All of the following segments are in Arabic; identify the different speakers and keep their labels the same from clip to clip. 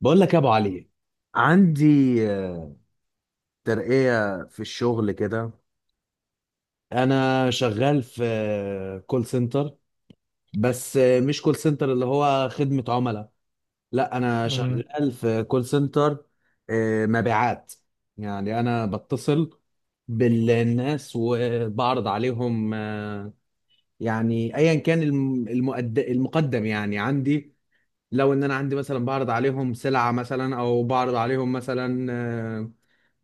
Speaker 1: بقول لك يا ابو علي، عندي آه، ترقية في الشغل كده. انا شغال في كول سنتر، بس مش كول سنتر اللي هو خدمة عملاء. لا، انا
Speaker 2: مم.
Speaker 1: شغال في كول سنتر مبيعات. يعني انا بتصل بالناس وبعرض عليهم يعني ايا كان المقدم يعني عندي. لو ان انا عندي مثلا، بعرض عليهم سلعة مثلا، او بعرض عليهم مثلا آه،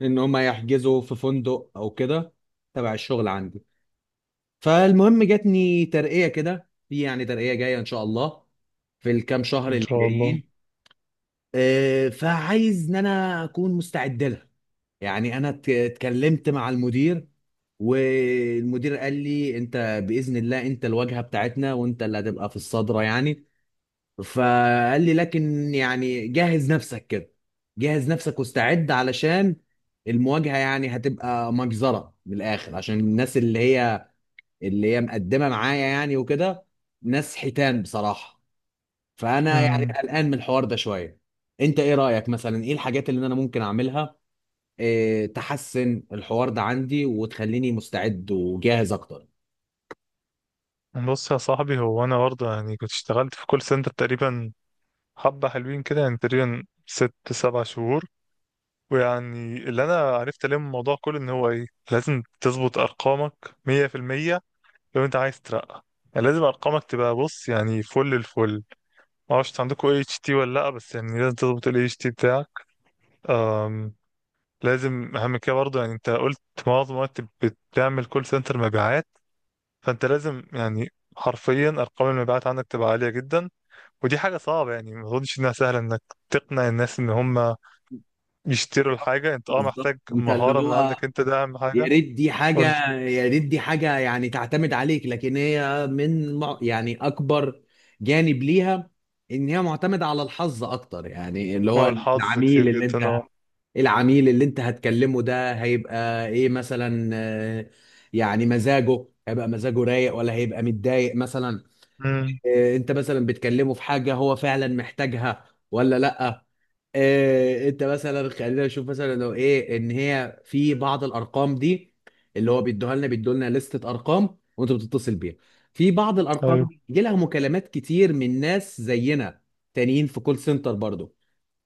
Speaker 1: ان هم يحجزوا في فندق او كده تبع الشغل عندي. فالمهم، جاتني ترقية كده، في يعني ترقية جاية ان شاء الله في الكام شهر
Speaker 2: ان
Speaker 1: اللي
Speaker 2: شاء الله.
Speaker 1: جايين. فعايز ان انا اكون مستعد لها. يعني انا اتكلمت مع المدير، والمدير قال لي انت باذن الله انت الواجهه بتاعتنا، وانت اللي هتبقى في الصدره يعني. فقال لي لكن يعني جهز نفسك كده، جهز نفسك واستعد علشان المواجهة يعني هتبقى مجزرة من الآخر، عشان الناس اللي هي مقدمة معايا يعني وكده. ناس حيتان بصراحة. فأنا يعني
Speaker 2: مم.
Speaker 1: قلقان من الحوار ده شوية. أنت إيه رأيك مثلا؟ إيه الحاجات اللي أنا ممكن أعملها؟ إيه تحسن الحوار ده عندي وتخليني مستعد وجاهز أكتر؟
Speaker 2: بص يا صاحبي، هو انا برضه يعني كنت اشتغلت في كول سنتر تقريبا حبة حلوين كده، يعني تقريبا ست سبع شهور. ويعني اللي انا عرفت عليه من الموضوع كله ان هو ايه، لازم تظبط ارقامك مية في المية. لو انت عايز ترقى يعني لازم ارقامك تبقى، بص يعني، فل الفل. ما اعرفش عندكم اي اتش تي ولا لا، بس يعني لازم تظبط الاي اتش تي بتاعك. أم. لازم اهم كده برضه. يعني انت قلت معظم الوقت بتعمل كول سنتر مبيعات، فانت لازم يعني حرفيا ارقام المبيعات عندك تبقى عاليه جدا. ودي حاجه صعبه، يعني ما اظنش انها سهله انك تقنع الناس ان هم يشتروا الحاجه. انت اه
Speaker 1: بالظبط.
Speaker 2: محتاج
Speaker 1: أنت اللي
Speaker 2: مهاره من
Speaker 1: هو،
Speaker 2: عندك، انت ده اهم
Speaker 1: يا
Speaker 2: حاجه.
Speaker 1: ريت دي
Speaker 2: قول لي.
Speaker 1: حاجة، يا ريت دي حاجة يعني تعتمد عليك، لكن هي من يعني أكبر جانب ليها إن هي معتمدة على الحظ أكتر، يعني اللي
Speaker 2: ما هو
Speaker 1: هو
Speaker 2: الحظ
Speaker 1: العميل
Speaker 2: كتير
Speaker 1: اللي
Speaker 2: جدا،
Speaker 1: أنت
Speaker 2: اه.
Speaker 1: العميل اللي أنت هتكلمه ده هيبقى إيه مثلا، يعني مزاجه رايق ولا هيبقى متضايق مثلا.
Speaker 2: امم
Speaker 1: أنت مثلا بتكلمه في حاجة هو فعلا محتاجها ولا لأ؟ إيه، انت مثلا خلينا نشوف مثلا، لو ايه ان هي في بعض الارقام دي اللي هو بيدوها لنا بيدوا لنا لستة ارقام، وانت بتتصل بيها. في بعض الارقام
Speaker 2: ايوه.
Speaker 1: دي يجي لها مكالمات كتير من ناس زينا تانيين في كول سنتر برضو،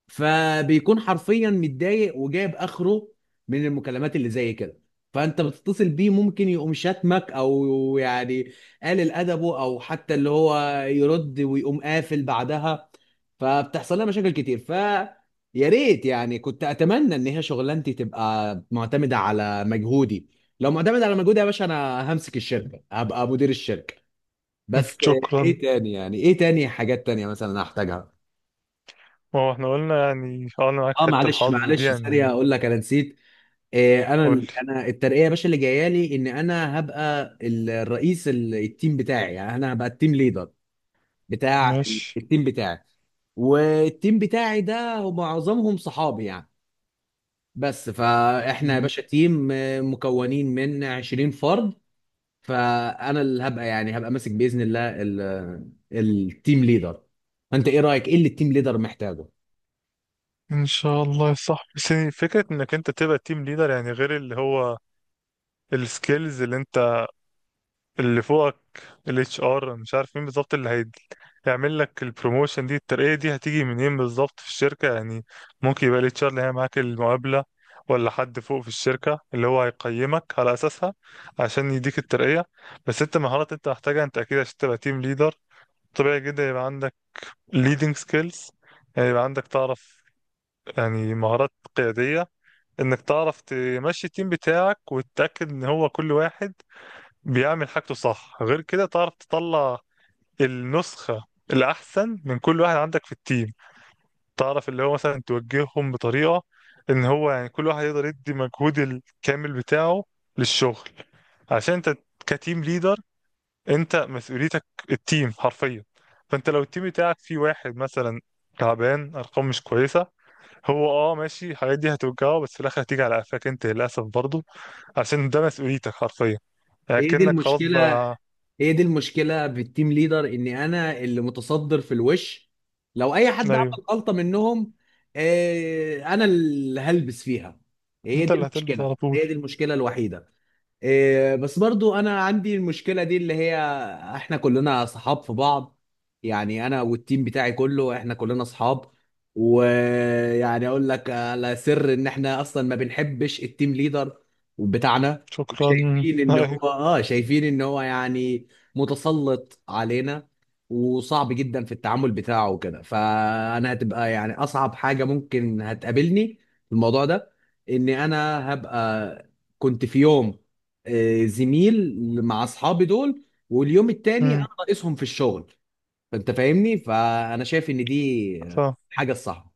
Speaker 1: فبيكون حرفيا متضايق وجايب اخره من المكالمات اللي زي كده. فانت بتتصل بيه، ممكن يقوم شاتمك او يعني قلل ادبه، او حتى اللي هو يرد ويقوم قافل بعدها. فبتحصل لها مشاكل كتير. يا ريت يعني، كنت اتمنى ان هي شغلانتي تبقى معتمده على مجهودي. لو معتمده على مجهودي يا باشا، انا همسك الشركه، هبقى مدير الشركه بس.
Speaker 2: شكرا.
Speaker 1: ايه تاني حاجات تانية مثلا انا احتاجها؟
Speaker 2: ما هو احنا قلنا يعني اه انا معاك في
Speaker 1: اه،
Speaker 2: حته
Speaker 1: معلش
Speaker 2: الحظ دي
Speaker 1: معلش ثانيه،
Speaker 2: يعني.
Speaker 1: اقول لك انا نسيت. إيه،
Speaker 2: قول
Speaker 1: انا
Speaker 2: لي.
Speaker 1: انا الترقيه يا باشا اللي جايه لي، ان انا هبقى التيم بتاعي، يعني انا هبقى التيم ليدر بتاع
Speaker 2: ماشي.
Speaker 1: التيم بتاعي. والتيم بتاعي ده معظمهم صحابي يعني بس، فاحنا يا
Speaker 2: مم.
Speaker 1: باشا تيم، مكونين من 20 فرد. فانا اللي هبقى، يعني هبقى ماسك باذن الله التيم ليدر. انت ايه رايك؟ ايه اللي التيم ليدر محتاجه؟
Speaker 2: ان شاء الله يا صاحبي. بس يعني فكره انك انت تبقى تيم ليدر، يعني غير اللي هو السكيلز اللي انت اللي فوقك، الاتش ار مش عارف مين بالظبط، هيعمل لك البروموشن دي، الترقية دي هتيجي منين بالظبط في الشركة يعني؟ ممكن يبقى الاتش ار اللي هي معاك المقابلة، ولا حد فوق في الشركة اللي هو هيقيمك على أساسها عشان يديك الترقية. بس انت مهارات انت محتاجها انت أكيد عشان تبقى تيم ليدر. طبيعي جدا يبقى عندك leading skills، يعني يبقى عندك تعرف يعني مهارات قيادية، انك تعرف تمشي التيم بتاعك وتتأكد ان هو كل واحد بيعمل حاجته صح. غير كده تعرف تطلع النسخة الأحسن من كل واحد عندك في التيم. تعرف اللي هو مثلا توجههم بطريقة إن هو يعني كل واحد يقدر يدي مجهود الكامل بتاعه للشغل. عشان أنت كتيم ليدر أنت مسؤوليتك التيم حرفيا. فأنت لو التيم بتاعك فيه واحد مثلا تعبان، أرقام مش كويسة، هو أه ماشي الحاجات دي هتوجهه، بس في الآخر هتيجي على قفاك أنت للأسف برضه، عشان ده مسؤوليتك حرفيا. يعني
Speaker 1: هي دي
Speaker 2: كأنك خلاص
Speaker 1: المشكله.
Speaker 2: بقى.
Speaker 1: هي دي المشكله في التيم ليدر، ان انا اللي متصدر في الوش. لو اي حد
Speaker 2: ايوه.
Speaker 1: عمل غلطه منهم، انا اللي هلبس فيها. هي
Speaker 2: انت
Speaker 1: دي
Speaker 2: اللي هتلبس
Speaker 1: المشكله.
Speaker 2: على طول.
Speaker 1: هي دي المشكله الوحيده. إيه، بس برضو انا عندي المشكله دي اللي هي، احنا كلنا صحاب في بعض. يعني انا والتيم بتاعي كله، احنا كلنا صحاب. ويعني اقول لك على سر، ان احنا اصلا ما بنحبش التيم ليدر بتاعنا،
Speaker 2: شكرا
Speaker 1: وشايفين ان هو
Speaker 2: ايوه.
Speaker 1: يعني متسلط علينا، وصعب جدا في التعامل بتاعه وكده. فانا هتبقى يعني اصعب حاجه ممكن هتقابلني في الموضوع ده، ان انا هبقى كنت في يوم زميل مع اصحابي دول، واليوم التاني
Speaker 2: امم.
Speaker 1: انا ناقصهم في الشغل. فانت فاهمني. فانا شايف ان دي
Speaker 2: فاهم.
Speaker 1: حاجه الصح.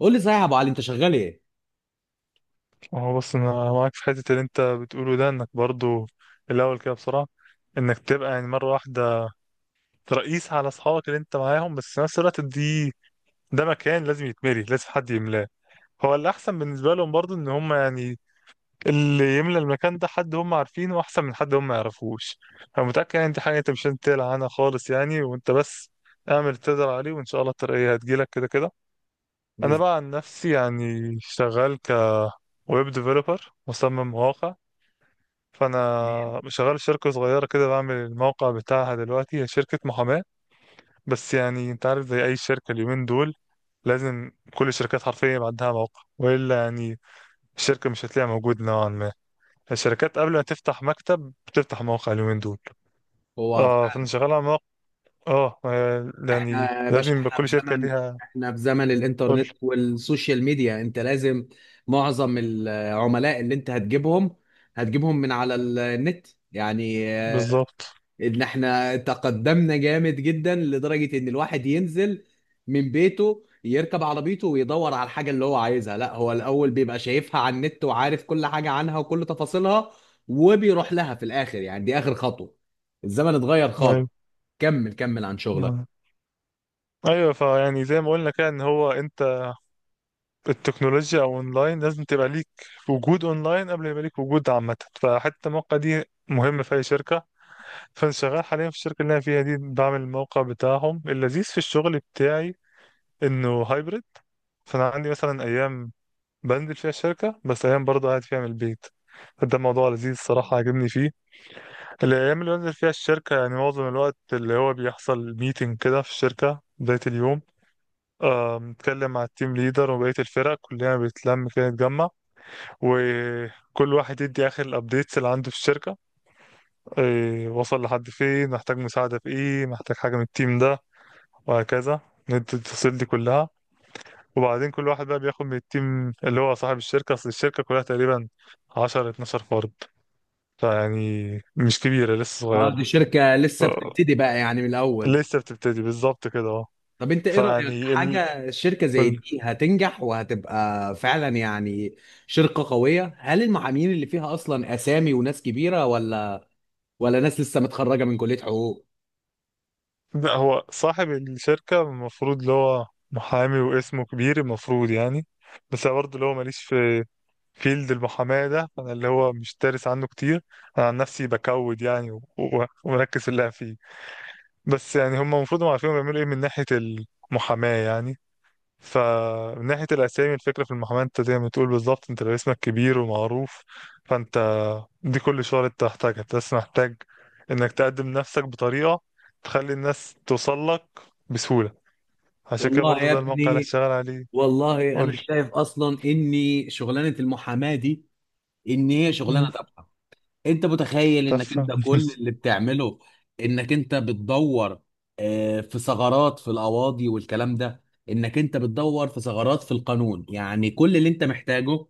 Speaker 1: قول لي صحيح يا ابو علي، انت شغال ايه،
Speaker 2: هو بص انا معاك في حته اللي انت بتقوله ده، انك برضو الاول كده بسرعه انك تبقى يعني مره واحده رئيس على اصحابك اللي انت معاهم. بس في نفس الوقت دي ده مكان لازم يتملي، لازم حد يملاه. هو الاحسن بالنسبه لهم برضو ان هم يعني اللي يملى المكان ده حد هم عارفينه، احسن من حد هم ما يعرفوش. انا متاكد يعني دي حاجه انت مش هتقلق عنها خالص، يعني وانت بس اعمل اللي تقدر عليه وان شاء الله الترقيه هتجيلك كده كده. انا بقى عن نفسي يعني شغال كويب ديفلوبر، مصمم مواقع.
Speaker 1: زميل؟
Speaker 2: فانا شغال في شركه صغيره كده بعمل الموقع بتاعها دلوقتي، هي شركه محاماه. بس يعني انت عارف زي اي شركه اليومين دول لازم كل الشركات حرفيا يبقى عندها موقع، والا يعني الشركه مش هتلاقيها موجود نوعا ما. الشركات قبل ما تفتح مكتب بتفتح موقع اليومين دول.
Speaker 1: هو
Speaker 2: اه فانا شغال على موقع. اه يعني
Speaker 1: احنا يا باشا،
Speaker 2: لازم يبقى كل شركه ليها.
Speaker 1: احنا في زمن
Speaker 2: قول.
Speaker 1: الانترنت والسوشيال ميديا، انت لازم معظم العملاء اللي انت هتجيبهم من على النت يعني.
Speaker 2: بالظبط.
Speaker 1: ان احنا تقدمنا جامد جدا لدرجة ان الواحد ينزل من بيته يركب عربيته ويدور على الحاجة اللي هو عايزها، لا هو الاول بيبقى شايفها على النت وعارف كل حاجة عنها وكل تفاصيلها، وبيروح لها في الاخر، يعني دي اخر خطوة. الزمن اتغير خالص.
Speaker 2: ايوه.
Speaker 1: كمل كمل عن شغلك.
Speaker 2: آه. ايوه. فيعني زي ما قلنا كده ان هو انت التكنولوجيا او اونلاين لازم تبقى ليك، وجود اونلاين قبل ما يبقى ليك وجود عامه، فحتى الموقع دي مهم في اي شركه. فانا شغال حاليا في الشركه اللي انا فيها دي بعمل الموقع بتاعهم. اللذيذ في الشغل بتاعي انه هايبرد. فانا عندي مثلا ايام بنزل فيها الشركه، بس ايام برضه قاعد فيها من البيت. ده موضوع لذيذ الصراحة عاجبني فيه. الأيام اللي بنزل فيها الشركة يعني معظم الوقت اللي هو بيحصل ميتنج كده في الشركة بداية اليوم. بنتكلم مع التيم ليدر وبقية الفرق، كلنا بنتلم كده نتجمع، وكل واحد يدي اخر الابديتس اللي عنده في الشركه. إيه وصل لحد فين، محتاج مساعده في ايه، محتاج حاجه من التيم ده، وهكذا. ندي التفاصيل دي كلها. وبعدين كل واحد بقى بياخد من التيم اللي هو صاحب الشركه. اصل الشركه كلها تقريبا 10 12 فرد، فيعني مش كبيره لسه
Speaker 1: اه،
Speaker 2: صغيره.
Speaker 1: دي شركة
Speaker 2: ف-
Speaker 1: لسه بتبتدي بقى يعني من الاول.
Speaker 2: لسه بتبتدي بالظبط كده اه.
Speaker 1: طب انت ايه رأيك،
Speaker 2: فيعني
Speaker 1: حاجة شركة زي
Speaker 2: ال...
Speaker 1: دي هتنجح وهتبقى فعلا يعني شركة قوية؟ هل المعاملين اللي فيها اصلا اسامي وناس كبيرة، ولا ناس لسه متخرجه من كليه حقوق؟
Speaker 2: لا، هو صاحب الشركه المفروض اللي هو محامي واسمه كبير المفروض يعني. بس أنا برضه اللي هو ماليش في فيلد المحاماة ده، أنا اللي هو مش دارس عنه كتير. أنا عن نفسي بكود يعني ومركز في اللي فيه. بس يعني هم المفروض هم عارفين بيعملوا إيه من ناحية المحاماة يعني. فمن ناحية الأسامي، الفكرة في المحاماة أنت زي ما بتقول بالظبط، أنت لو اسمك كبير ومعروف فأنت دي كل شغلة أنت محتاجها. أنت بس محتاج إنك تقدم نفسك بطريقة تخلي الناس توصل لك بسهولة. عشان كده
Speaker 1: والله
Speaker 2: برضو
Speaker 1: يا
Speaker 2: ده الموقع اللي
Speaker 1: ابني،
Speaker 2: هشتغل عليه.
Speaker 1: والله
Speaker 2: قول
Speaker 1: انا
Speaker 2: لي.
Speaker 1: شايف اصلا اني شغلانه المحاماه دي، ان هي شغلانه
Speaker 2: مم.
Speaker 1: تافهه. انت متخيل، انك انت
Speaker 2: تفهم.
Speaker 1: كل اللي بتعمله، انك انت بتدور في ثغرات في القواضي والكلام ده، انك انت بتدور في ثغرات في القانون، يعني كل اللي انت محتاجه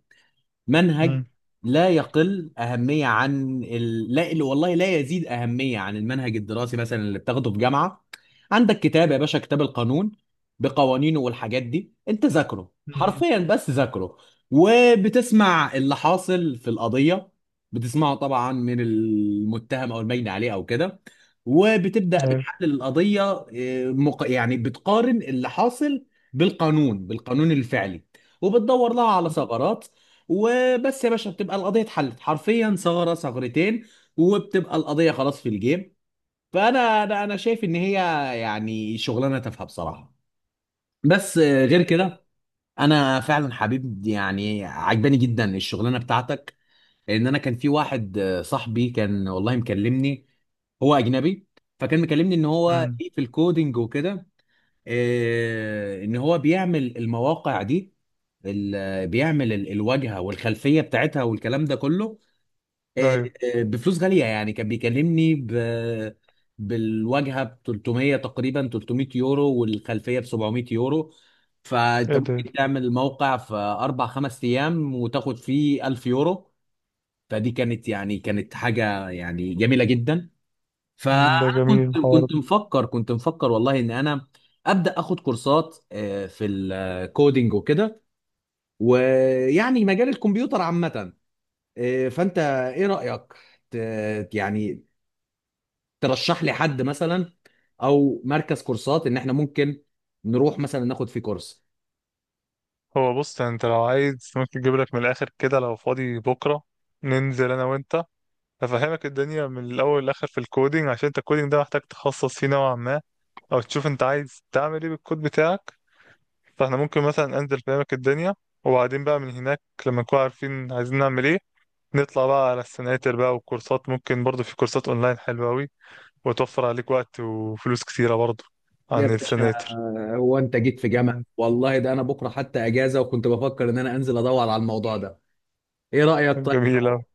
Speaker 1: منهج
Speaker 2: مم.
Speaker 1: لا يقل أهمية عن ال... لا ال- والله لا يزيد أهمية عن المنهج الدراسي مثلا اللي بتاخده في جامعة. عندك كتاب يا باشا، كتاب القانون بقوانينه والحاجات دي، أنت ذاكره
Speaker 2: مم.
Speaker 1: حرفيا بس ذاكره، وبتسمع اللي حاصل في القضية، بتسمعه طبعا من المتهم أو البين عليه أو كده. وبتبدأ
Speaker 2: طيب.
Speaker 1: بتحلل القضية يعني بتقارن اللي حاصل بالقانون بالقانون الفعلي، وبتدور لها على ثغرات، وبس يا باشا بتبقى القضيه اتحلت حرفيا، ثغره ثغرتين، وبتبقى القضيه خلاص في الجيم. فانا انا انا شايف ان هي يعني شغلانه تافهه بصراحه. بس غير كده، انا فعلا حبيب يعني عجباني جدا الشغلانه بتاعتك. لان انا كان في واحد صاحبي كان والله مكلمني، هو اجنبي. فكان مكلمني ان هو
Speaker 2: مم.
Speaker 1: ليه في الكودينج وكده، ان هو بيعمل المواقع دي، بيعمل الواجهه والخلفيه بتاعتها والكلام ده كله، آه،
Speaker 2: ايوه.
Speaker 1: بفلوس غالية. يعني كان بيكلمني بالواجهة ب 300 تقريبا، 300 يورو، والخلفية ب 700 يورو. فانت
Speaker 2: ايه ده.
Speaker 1: ممكن تعمل موقع في اربع خمس ايام، وتاخد فيه 1000 يورو. فدي كانت يعني كانت حاجة يعني جميلة جدا. فانا
Speaker 2: ده جميل
Speaker 1: كنت
Speaker 2: الحوار
Speaker 1: كنت
Speaker 2: ده.
Speaker 1: مفكر كنت مفكر والله ان انا ابدا اخد كورسات في الكودينج وكده، ويعني مجال الكمبيوتر عامة. فانت ايه رأيك، يعني ترشح لي حد مثلا، او مركز كورسات ان احنا ممكن نروح مثلا ناخد فيه كورس؟
Speaker 2: هو بص يعني انت لو عايز ممكن اجيب لك من الاخر كده، لو فاضي بكره ننزل انا وانت، افهمك الدنيا من الاول للاخر في الكودينج، عشان انت الكودينج ده محتاج تخصص فيه نوعا ما، او تشوف انت عايز تعمل ايه بالكود بتاعك. فاحنا ممكن مثلا انزل افهمك الدنيا، وبعدين بقى من هناك لما نكون عارفين عايزين نعمل ايه، نطلع بقى على السناتر بقى والكورسات. ممكن برضه في كورسات اونلاين حلوه قوي وتوفر عليك وقت وفلوس كتيره برضه
Speaker 1: يا
Speaker 2: عن
Speaker 1: باشا،
Speaker 2: السناتر.
Speaker 1: هو انت جيت في جامعة
Speaker 2: آه،
Speaker 1: والله، ده انا بكره حتى اجازة وكنت بفكر ان انا انزل ادور على الموضوع ده. ايه رأيك طيب
Speaker 2: جميلة.
Speaker 1: لو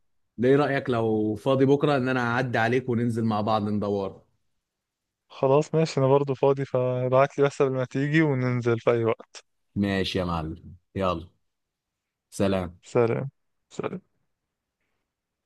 Speaker 1: ايه رأيك لو فاضي بكره ان انا اعدي عليك وننزل مع بعض ندور؟
Speaker 2: خلاص ماشي، انا برضو فاضي، فابعت لي بس قبل ما تيجي وننزل في اي وقت.
Speaker 1: ماشي يا معلم، يلا سلام.
Speaker 2: سلام. سلام.